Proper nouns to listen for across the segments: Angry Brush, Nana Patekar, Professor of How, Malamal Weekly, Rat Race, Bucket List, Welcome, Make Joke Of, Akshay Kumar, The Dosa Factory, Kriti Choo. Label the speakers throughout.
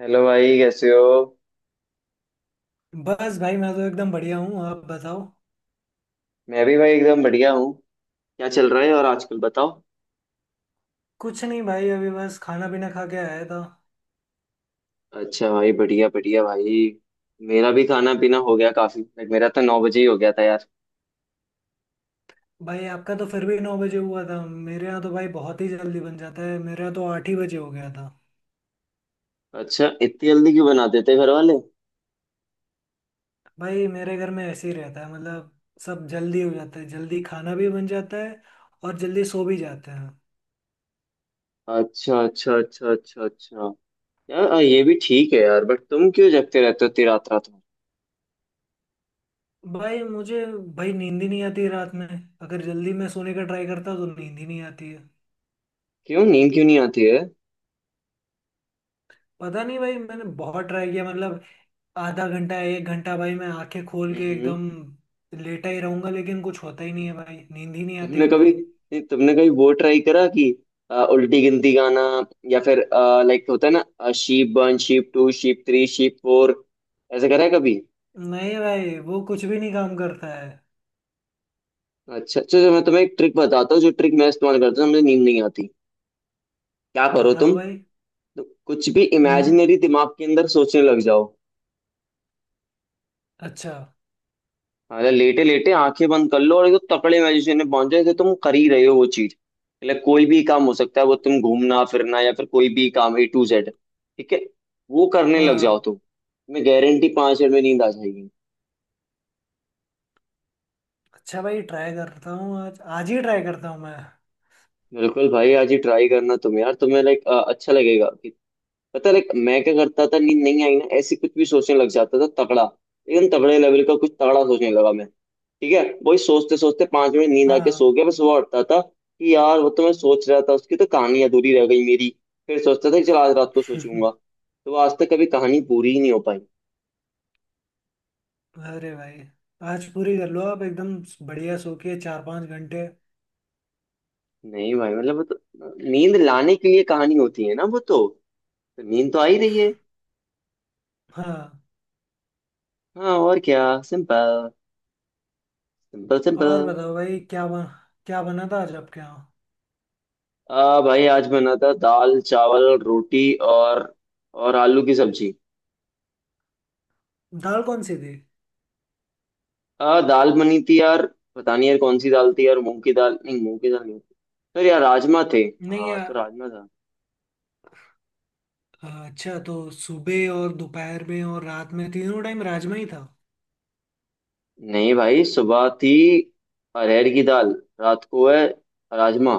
Speaker 1: Hello भाई कैसे हो।
Speaker 2: बस भाई मैं तो एकदम बढ़िया हूँ। आप बताओ।
Speaker 1: मैं भी भाई एकदम बढ़िया हूँ। क्या चल रहा है और आजकल बताओ।
Speaker 2: कुछ नहीं भाई, अभी बस खाना पीना खा के आया था।
Speaker 1: अच्छा भाई बढ़िया बढ़िया भाई। मेरा भी खाना पीना हो गया काफी लाइक मेरा तो 9 बजे ही हो गया था यार।
Speaker 2: भाई आपका तो फिर भी 9 बजे हुआ था, मेरे यहाँ तो भाई बहुत ही जल्दी बन जाता है। मेरे यहाँ तो 8 ही बजे हो गया था।
Speaker 1: अच्छा इतनी जल्दी क्यों बना देते घर वाले।
Speaker 2: भाई मेरे घर में ऐसे ही रहता है मतलब, सब जल्दी हो जाता है, जल्दी खाना भी बन जाता है और जल्दी सो भी जाते हैं।
Speaker 1: अच्छा अच्छा अच्छा अच्छा अच्छा। यार ये भी ठीक है यार बट तुम क्यों जगते रहते हो इतनी रात रात में।
Speaker 2: भाई मुझे, भाई नींद ही नहीं आती रात में। अगर जल्दी मैं सोने का ट्राई करता तो नींद ही नहीं आती है।
Speaker 1: क्यों नींद क्यों नहीं आती है।
Speaker 2: पता नहीं भाई मैंने बहुत ट्राई किया मतलब, आधा घंटा एक घंटा भाई मैं आंखें खोल के
Speaker 1: हम्म।
Speaker 2: एकदम लेटा ही रहूंगा, लेकिन कुछ होता ही नहीं है भाई, नींद ही नहीं आती
Speaker 1: तुमने कभी
Speaker 2: बिल्कुल।
Speaker 1: नहीं, तुमने कभी वो ट्राई करा कि उल्टी गिनती गाना या फिर लाइक होता है ना शीप 1 शीप 2 शीप 3 शीप 4, ऐसे करा है कभी।
Speaker 2: नहीं भाई वो कुछ भी नहीं काम करता है।
Speaker 1: अच्छा अच्छा तो मैं तुम्हें एक ट्रिक बताता हूँ जो ट्रिक मैं इस्तेमाल करता हूँ मुझे नींद नहीं आती। क्या करो तुम।
Speaker 2: बताओ भाई।
Speaker 1: तुम कुछ भी
Speaker 2: हम्म।
Speaker 1: इमेजिनरी दिमाग के अंदर सोचने लग जाओ।
Speaker 2: अच्छा।
Speaker 1: अरे लेटे लेटे आंखें बंद कर लो और एकदम तकड़े मैजिशियन में पहुंच जाए कि तुम कर ही रहे हो वो चीज। मतलब कोई भी काम हो सकता है वो तुम घूमना फिरना या फिर कोई भी काम A to Z ठीक है। वो करने लग जाओ
Speaker 2: हाँ।
Speaker 1: तुम्हें गारंटी 5 मिनट में नींद आ जाएगी।
Speaker 2: अच्छा भाई, ट्राई करता हूँ, आज आज ही ट्राई करता हूँ मैं।
Speaker 1: बिल्कुल भाई आज ही ट्राई करना तुम यार तुम्हें लाइक अच्छा लगेगा कि पता है like, मैं क्या करता था नींद नहीं आई ना ऐसे कुछ भी सोचने लग जाता था तगड़ा एकदम तगड़े लेवल का कुछ तगड़ा सोचने लगा मैं ठीक है वही सोचते सोचते 5 मिनट नींद आके
Speaker 2: हाँ।
Speaker 1: सो गया मैं सुबह उठता था कि यार वो तो मैं सोच रहा था उसकी तो कहानी अधूरी रह गई मेरी। फिर सोचता था कि चल आज रात को सोचूंगा तो वो आज तक कभी कहानी पूरी ही नहीं हो पाई।
Speaker 2: अरे भाई, आज पूरी कर लो आप एकदम, बढ़िया सो के चार पाँच घंटे।
Speaker 1: नहीं भाई मतलब वो तो नींद लाने के लिए कहानी होती है ना वो तो नींद तो आ ही रही है।
Speaker 2: हाँ,
Speaker 1: हाँ और क्या सिंपल सिंपल सिंपल।
Speaker 2: और बताओ भाई, क्या बना था आज आपके यहाँ।
Speaker 1: आ भाई आज बना था दाल चावल रोटी और आलू की सब्जी।
Speaker 2: दाल कौन सी थी।
Speaker 1: आ दाल बनी थी यार पता नहीं यार कौन सी दाल थी यार मूंग की दाल नहीं मूंग की दाल नहीं सर यार राजमा थे।
Speaker 2: नहीं।
Speaker 1: हाँ तो राजमा था।
Speaker 2: हाँ, अच्छा तो सुबह और दोपहर में और रात में तीनों टाइम राजमा ही था।
Speaker 1: नहीं भाई सुबह थी अरहर की दाल रात को है राजमा।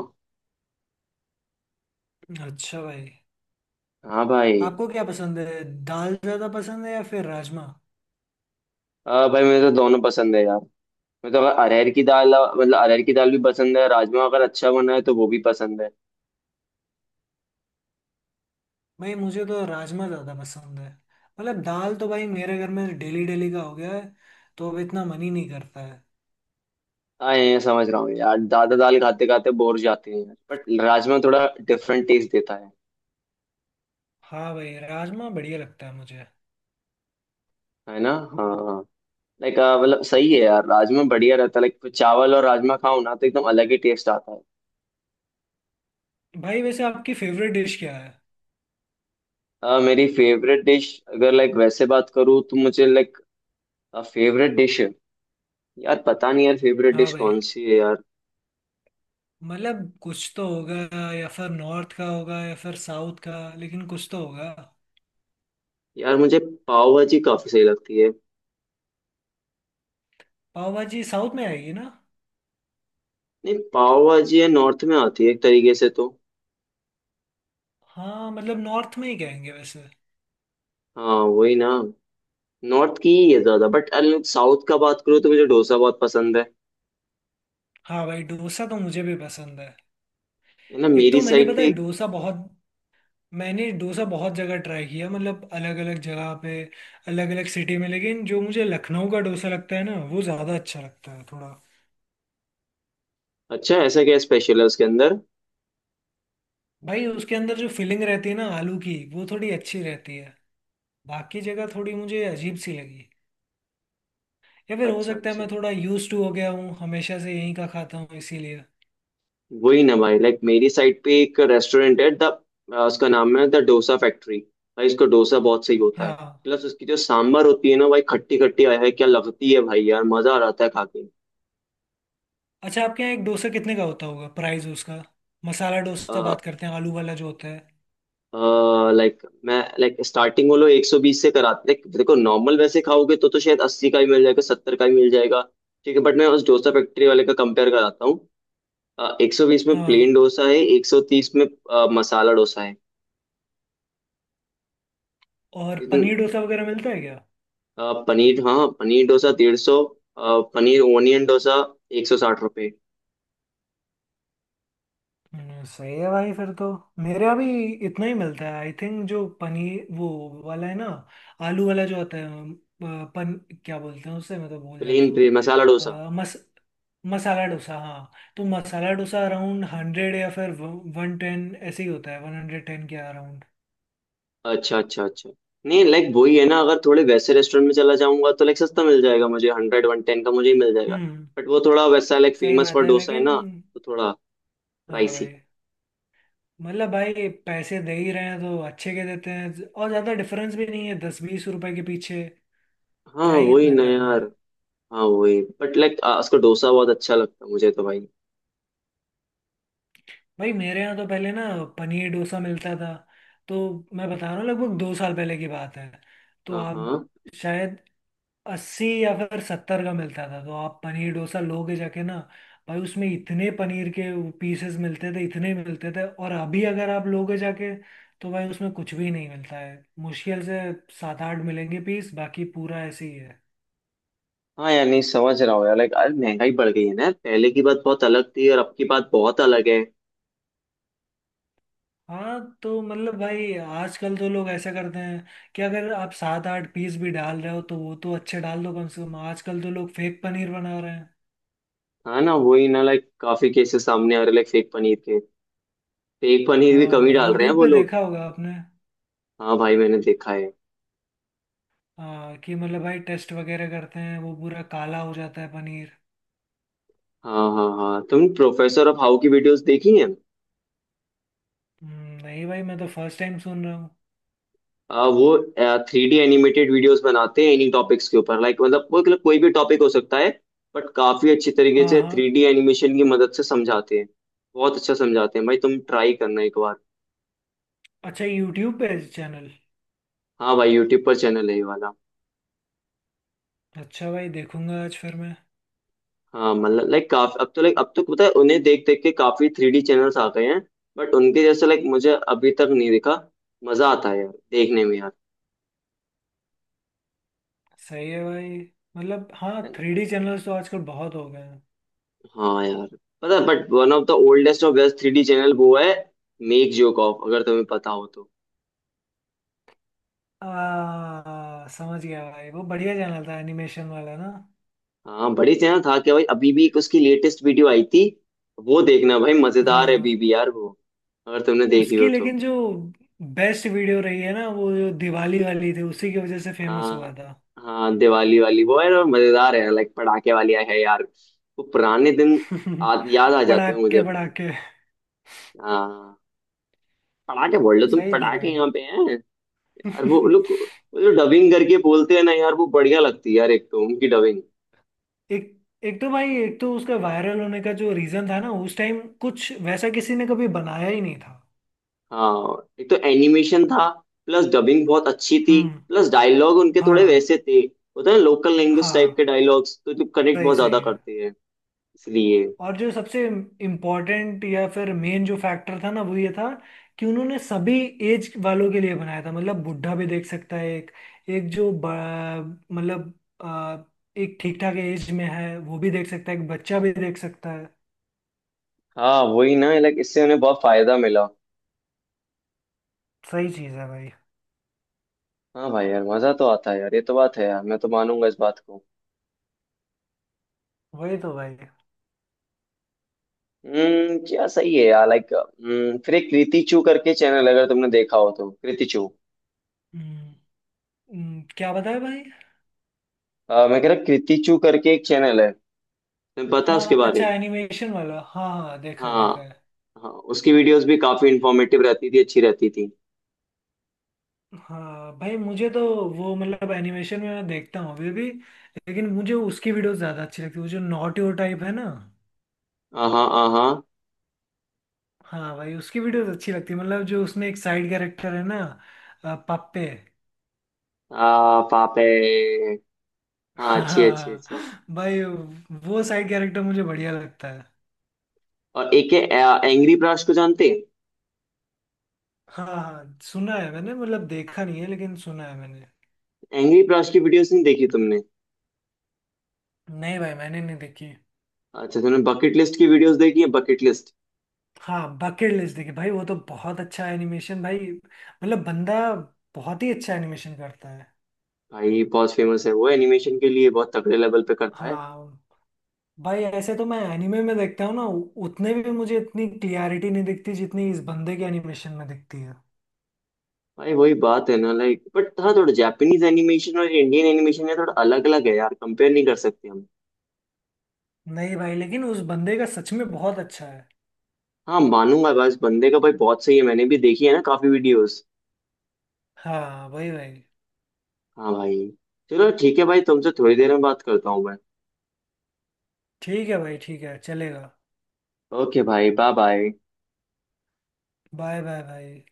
Speaker 2: अच्छा भाई।
Speaker 1: हाँ भाई।
Speaker 2: आपको क्या पसंद है, दाल ज़्यादा पसंद है या फिर राजमा।
Speaker 1: आ भाई मुझे तो दोनों पसंद है यार। मुझे तो अगर अरहर की दाल मतलब अरहर की दाल भी पसंद है राजमा अगर अच्छा बना है तो वो भी पसंद है।
Speaker 2: भाई मुझे तो राजमा ज़्यादा पसंद है, मतलब दाल तो भाई मेरे घर में डेली डेली का हो गया है, तो अब इतना मन ही नहीं करता है।
Speaker 1: आए समझ रहा हूँ यार दादा दाल खाते खाते बोर जाते हैं यार, बट राजमा थोड़ा डिफरेंट टेस्ट देता है।
Speaker 2: हाँ भाई, राजमा बढ़िया लगता है मुझे।
Speaker 1: है ना। हाँ लाइक मतलब सही है यार राजमा बढ़िया रहता है लाइक चावल और राजमा खाओ ना तो एकदम अलग ही टेस्ट आता है।
Speaker 2: भाई वैसे आपकी फेवरेट डिश क्या है।
Speaker 1: मेरी फेवरेट डिश अगर लाइक वैसे बात करूँ तो मुझे लाइक फेवरेट डिश है यार पता नहीं यार फेवरेट
Speaker 2: हाँ
Speaker 1: डिश
Speaker 2: भाई,
Speaker 1: कौन सी है यार।
Speaker 2: मतलब कुछ तो होगा, या फिर नॉर्थ का होगा या फिर साउथ का, लेकिन कुछ तो होगा।
Speaker 1: यार मुझे पाव भाजी काफी सही लगती है।
Speaker 2: पाव भाजी साउथ में आएगी ना।
Speaker 1: नहीं पाव भाजी है नॉर्थ में आती है एक तरीके से तो।
Speaker 2: हाँ मतलब नॉर्थ में ही कहेंगे वैसे।
Speaker 1: हाँ वही ना नॉर्थ की ही है ज्यादा बट साउथ का बात करो तो मुझे डोसा बहुत पसंद है।
Speaker 2: हाँ भाई डोसा तो मुझे भी पसंद है।
Speaker 1: है ना।
Speaker 2: एक
Speaker 1: मेरी
Speaker 2: तो मैंने
Speaker 1: साइड
Speaker 2: पता
Speaker 1: पे
Speaker 2: है
Speaker 1: एक-
Speaker 2: डोसा बहुत, मैंने डोसा बहुत जगह ट्राई किया मतलब, अलग अलग जगह पे, अलग अलग सिटी में। लेकिन जो मुझे लखनऊ का डोसा लगता है ना, वो ज़्यादा अच्छा लगता है थोड़ा।
Speaker 1: अच्छा ऐसा क्या स्पेशल है उसके अंदर।
Speaker 2: भाई उसके अंदर जो फिलिंग रहती है ना आलू की, वो थोड़ी अच्छी रहती है। बाकी जगह थोड़ी मुझे अजीब सी लगी। या फिर हो
Speaker 1: अच्छा
Speaker 2: सकता है
Speaker 1: अच्छा
Speaker 2: मैं थोड़ा यूज्ड टू हो गया हूँ, हमेशा से यहीं का खाता हूँ इसीलिए।
Speaker 1: वही ना भाई लाइक मेरी साइड पे एक रेस्टोरेंट है द उसका नाम है द डोसा फैक्ट्री। भाई उसका डोसा बहुत सही होता है।
Speaker 2: हाँ।
Speaker 1: प्लस उसकी जो सांभर होती है ना भाई खट्टी खट्टी है क्या लगती है भाई यार मजा आ जाता है खा
Speaker 2: अच्छा आपके यहाँ एक डोसा कितने का होता होगा, प्राइस उसका। मसाला डोसा
Speaker 1: के
Speaker 2: बात करते हैं, आलू वाला जो होता है।
Speaker 1: लाइक मैं लाइक स्टार्टिंग वो लोग 120 से कराते लाइक देखो नॉर्मल वैसे खाओगे तो शायद 80 का ही मिल जाएगा 70 का ही मिल जाएगा। ठीक है बट मैं उस डोसा फैक्ट्री वाले का कंपेयर कराता हूँ 120 में
Speaker 2: हाँ।
Speaker 1: प्लेन डोसा है 130 में मसाला डोसा है।
Speaker 2: और
Speaker 1: लेकिन
Speaker 2: पनीर डोसा वगैरह मिलता है क्या।
Speaker 1: पनीर हाँ पनीर डोसा 150 पनीर ओनियन डोसा ₹160।
Speaker 2: सही है भाई फिर तो। मेरे यहाँ भी इतना ही मिलता है आई थिंक। जो पनीर, वो वाला है ना, आलू वाला जो होता है, अ, पन क्या बोलते हैं उसे, मैं तो भूल जाता हूँ।
Speaker 1: प्लेन मसाला डोसा
Speaker 2: अ, मस मसाला डोसा हाँ। तो मसाला डोसा अराउंड 100 या फिर 110 ऐसे ही होता है, 110 के अराउंड।
Speaker 1: अच्छा अच्छा अच्छा। नहीं लाइक वही है ना अगर थोड़े वैसे रेस्टोरेंट में चला जाऊंगा तो लाइक सस्ता मिल जाएगा मुझे 110 का मुझे ही मिल जाएगा
Speaker 2: हम्म।
Speaker 1: बट वो थोड़ा वैसा लाइक
Speaker 2: सही
Speaker 1: फेमस
Speaker 2: बात
Speaker 1: फॉर
Speaker 2: है,
Speaker 1: डोसा है
Speaker 2: लेकिन।
Speaker 1: ना तो थोड़ा
Speaker 2: हाँ
Speaker 1: प्राइसी।
Speaker 2: भाई। मतलब भाई पैसे दे ही रहे हैं तो अच्छे के देते हैं, और ज्यादा डिफरेंस भी नहीं है 10 20 रुपए के पीछे।
Speaker 1: हाँ
Speaker 2: क्या ही
Speaker 1: वही
Speaker 2: इतना
Speaker 1: ना
Speaker 2: करना
Speaker 1: यार।
Speaker 2: है।
Speaker 1: हाँ वही बट लाइक उसका डोसा बहुत अच्छा लगता है मुझे तो भाई।
Speaker 2: भाई मेरे यहाँ तो पहले ना, पनीर डोसा मिलता था तो, मैं बता रहा हूँ लगभग 2 साल पहले की बात है, तो
Speaker 1: हाँ
Speaker 2: आप
Speaker 1: हाँ
Speaker 2: शायद, 80 या फिर 70 का मिलता था, तो आप पनीर डोसा लोगे जाके ना, भाई उसमें इतने पनीर के पीसेस मिलते थे, इतने मिलते थे। और अभी अगर आप लोगे जाके तो भाई उसमें कुछ भी नहीं मिलता है, मुश्किल से 7 8 मिलेंगे पीस, बाकी पूरा ऐसे ही है।
Speaker 1: हाँ यार नहीं समझ रहा हूँ यार लाइक अरे महंगाई बढ़ गई है ना यार। पहले की बात बहुत अलग थी और अब की बात बहुत अलग है।
Speaker 2: हाँ तो मतलब भाई आजकल तो लोग ऐसा करते हैं कि अगर आप 7 8 पीस भी डाल रहे हो तो वो तो अच्छे डाल दो कम से कम, आजकल तो लोग फेक पनीर बना रहे हैं।
Speaker 1: हाँ ना वही ना लाइक काफी केसेस सामने आ रहे लाइक फेक पनीर के फेक पनीर भी कम ही
Speaker 2: हाँ,
Speaker 1: डाल रहे हैं
Speaker 2: यूट्यूब
Speaker 1: वो
Speaker 2: पे
Speaker 1: लोग।
Speaker 2: देखा होगा आपने।
Speaker 1: हाँ भाई मैंने देखा है।
Speaker 2: हाँ, कि मतलब भाई टेस्ट वगैरह करते हैं वो पूरा काला हो जाता है पनीर।
Speaker 1: हाँ हाँ हाँ तुमने प्रोफेसर ऑफ हाउ की वीडियोस देखी हैं?
Speaker 2: नहीं भाई मैं तो फर्स्ट टाइम सुन रहा हूँ।
Speaker 1: वो 3D एनिमेटेड वीडियोस बनाते हैं इन्हीं टॉपिक्स के ऊपर लाइक मतलब वो मतलब कोई भी टॉपिक हो सकता है बट काफी अच्छी तरीके
Speaker 2: हाँ
Speaker 1: से
Speaker 2: हाँ।
Speaker 1: थ्री डी एनिमेशन की मदद से समझाते हैं। बहुत अच्छा समझाते हैं भाई तुम ट्राई करना एक बार।
Speaker 2: अच्छा यूट्यूब पे चैनल।
Speaker 1: हाँ भाई यूट्यूब पर चैनल है ये वाला।
Speaker 2: अच्छा भाई देखूंगा आज फिर मैं।
Speaker 1: हाँ मतलब लाइक काफी अब तो पता है उन्हें देख देख के काफी 3D चैनल्स आ गए हैं। बट उनके जैसे लाइक मुझे अभी तक नहीं दिखा। मजा आता है यार देखने में यार।
Speaker 2: सही है भाई। मतलब हाँ, थ्री डी चैनल्स तो आजकल बहुत हो गए हैं।
Speaker 1: हाँ यार पता but one of the oldest और बेस्ट 3D चैनल वो है मेक जोकॉफ अगर तुम्हें पता हो तो।
Speaker 2: समझ गया भाई, वो बढ़िया चैनल था एनिमेशन वाला ना।
Speaker 1: हाँ बड़ी चैनल था क्या भाई अभी भी एक उसकी लेटेस्ट वीडियो आई थी। वो देखना भाई मजेदार है अभी
Speaker 2: हाँ।
Speaker 1: भी यार वो अगर तुमने देखी
Speaker 2: उसकी,
Speaker 1: हो तो।
Speaker 2: लेकिन जो बेस्ट वीडियो रही है ना, वो जो दिवाली वाली थी, उसी की वजह से फेमस हुआ
Speaker 1: हाँ
Speaker 2: था।
Speaker 1: हाँ दिवाली वाली वो है और मजेदार है लाइक पटाखे वाली है यार वो पुराने दिन याद आ जाते हैं मुझे
Speaker 2: पड़ाके
Speaker 1: अपने।
Speaker 2: पड़ाके।
Speaker 1: हाँ पटाखे बोल लो तुम
Speaker 2: सही थे
Speaker 1: पटाखे
Speaker 2: भाई।
Speaker 1: यहाँ पे हैं। यार वो लोग वो जो डबिंग करके बोलते हैं ना यार वो बढ़िया लगती है यार एक तो उनकी डबिंग।
Speaker 2: एक एक तो भाई, एक तो उसका वायरल होने का जो रीजन था ना, उस टाइम कुछ वैसा किसी ने कभी बनाया ही नहीं था।
Speaker 1: हाँ एक तो एनिमेशन था प्लस डबिंग बहुत अच्छी थी।
Speaker 2: हम्म।
Speaker 1: प्लस डायलॉग उनके थोड़े
Speaker 2: हाँ
Speaker 1: वैसे थे। होता है ना लोकल लैंग्वेज टाइप के
Speaker 2: हाँ
Speaker 1: डायलॉग्स तो जो कनेक्ट
Speaker 2: सही
Speaker 1: बहुत
Speaker 2: सही।
Speaker 1: ज्यादा करते हैं इसलिए।
Speaker 2: और जो सबसे इम्पोर्टेंट या फिर मेन जो फैक्टर था ना, वो ये था कि उन्होंने सभी एज वालों के लिए बनाया था, मतलब बुढ़ा भी देख सकता है, एक एक जो ब- मतलब अ, एक ठीक ठाक एज में है वो भी देख सकता है, एक बच्चा भी देख सकता है।
Speaker 1: हाँ वही ना लाइक इससे उन्हें बहुत फायदा मिला।
Speaker 2: सही चीज़ है भाई।
Speaker 1: हाँ भाई यार मजा तो आता है यार ये तो बात है यार मैं तो मानूंगा इस बात को।
Speaker 2: वही तो भाई।
Speaker 1: क्या सही है यार लाइक फिर एक कृति चू करके चैनल अगर तुमने देखा हो तो कृति चू।
Speaker 2: हम्म। क्या बताया भाई।
Speaker 1: मैं कह रहा कृति चू करके एक चैनल है तुम्हें पता है
Speaker 2: हाँ
Speaker 1: उसके बारे
Speaker 2: अच्छा
Speaker 1: में।
Speaker 2: एनिमेशन वाला, हाँ हाँ देखा है
Speaker 1: हाँ
Speaker 2: देखा है।
Speaker 1: हाँ। उसकी वीडियोस भी काफी इंफॉर्मेटिव रहती थी अच्छी रहती थी।
Speaker 2: हाँ भाई मुझे तो, वो मतलब एनिमेशन में मैं देखता हूँ अभी भी, लेकिन मुझे उसकी वीडियोस ज़्यादा अच्छी लगती है, वो जो नॉट योर टाइप है ना।
Speaker 1: हाँ हाँ
Speaker 2: हाँ भाई उसकी वीडियोस अच्छी लगती है। मतलब जो उसमें एक साइड कैरेक्टर है ना, पप्पे।
Speaker 1: हाँ पापे हाँ अच्छी अच्छी
Speaker 2: हाँ
Speaker 1: अच्छी।
Speaker 2: भाई, वो साइड कैरेक्टर मुझे बढ़िया लगता है।
Speaker 1: और एक है एंग्री ब्राश को जानते हैं?
Speaker 2: हाँ हाँ सुना है मैंने, मतलब देखा नहीं है लेकिन सुना है मैंने।
Speaker 1: एंग्री ब्राश की वीडियोस नहीं देखी तुमने।
Speaker 2: नहीं भाई मैंने नहीं देखी।
Speaker 1: अच्छा तुमने बकेट लिस्ट की वीडियोस देखी है बकेट लिस्ट।
Speaker 2: हाँ बकेट लिस्ट देखी भाई, वो तो बहुत अच्छा एनिमेशन भाई, मतलब बंदा बहुत ही अच्छा एनिमेशन करता है।
Speaker 1: भाई बहुत फेमस है वो एनिमेशन के लिए बहुत तगड़े लेवल पे करता है।
Speaker 2: हाँ भाई ऐसे तो मैं एनिमे में देखता हूँ ना, उतने भी मुझे इतनी क्लियरिटी नहीं दिखती जितनी इस बंदे के एनिमेशन में दिखती है।
Speaker 1: भाई वही बात है ना लाइक बट हाँ थोड़ा जापानीज एनिमेशन और इंडियन एनिमेशन है थोड़ा अलग अलग है यार कंपेयर नहीं कर सकते हम।
Speaker 2: नहीं भाई लेकिन उस बंदे का सच में बहुत अच्छा है।
Speaker 1: हाँ मानूंगा बस बंदे का भाई बहुत सही है मैंने भी देखी है ना काफी वीडियोस।
Speaker 2: हाँ भाई भाई।
Speaker 1: हाँ भाई चलो ठीक है भाई तुमसे थोड़ी देर में बात करता हूँ मैं।
Speaker 2: ठीक है भाई, ठीक है चलेगा।
Speaker 1: ओके भाई बाय बाय।
Speaker 2: बाय बाय भाई।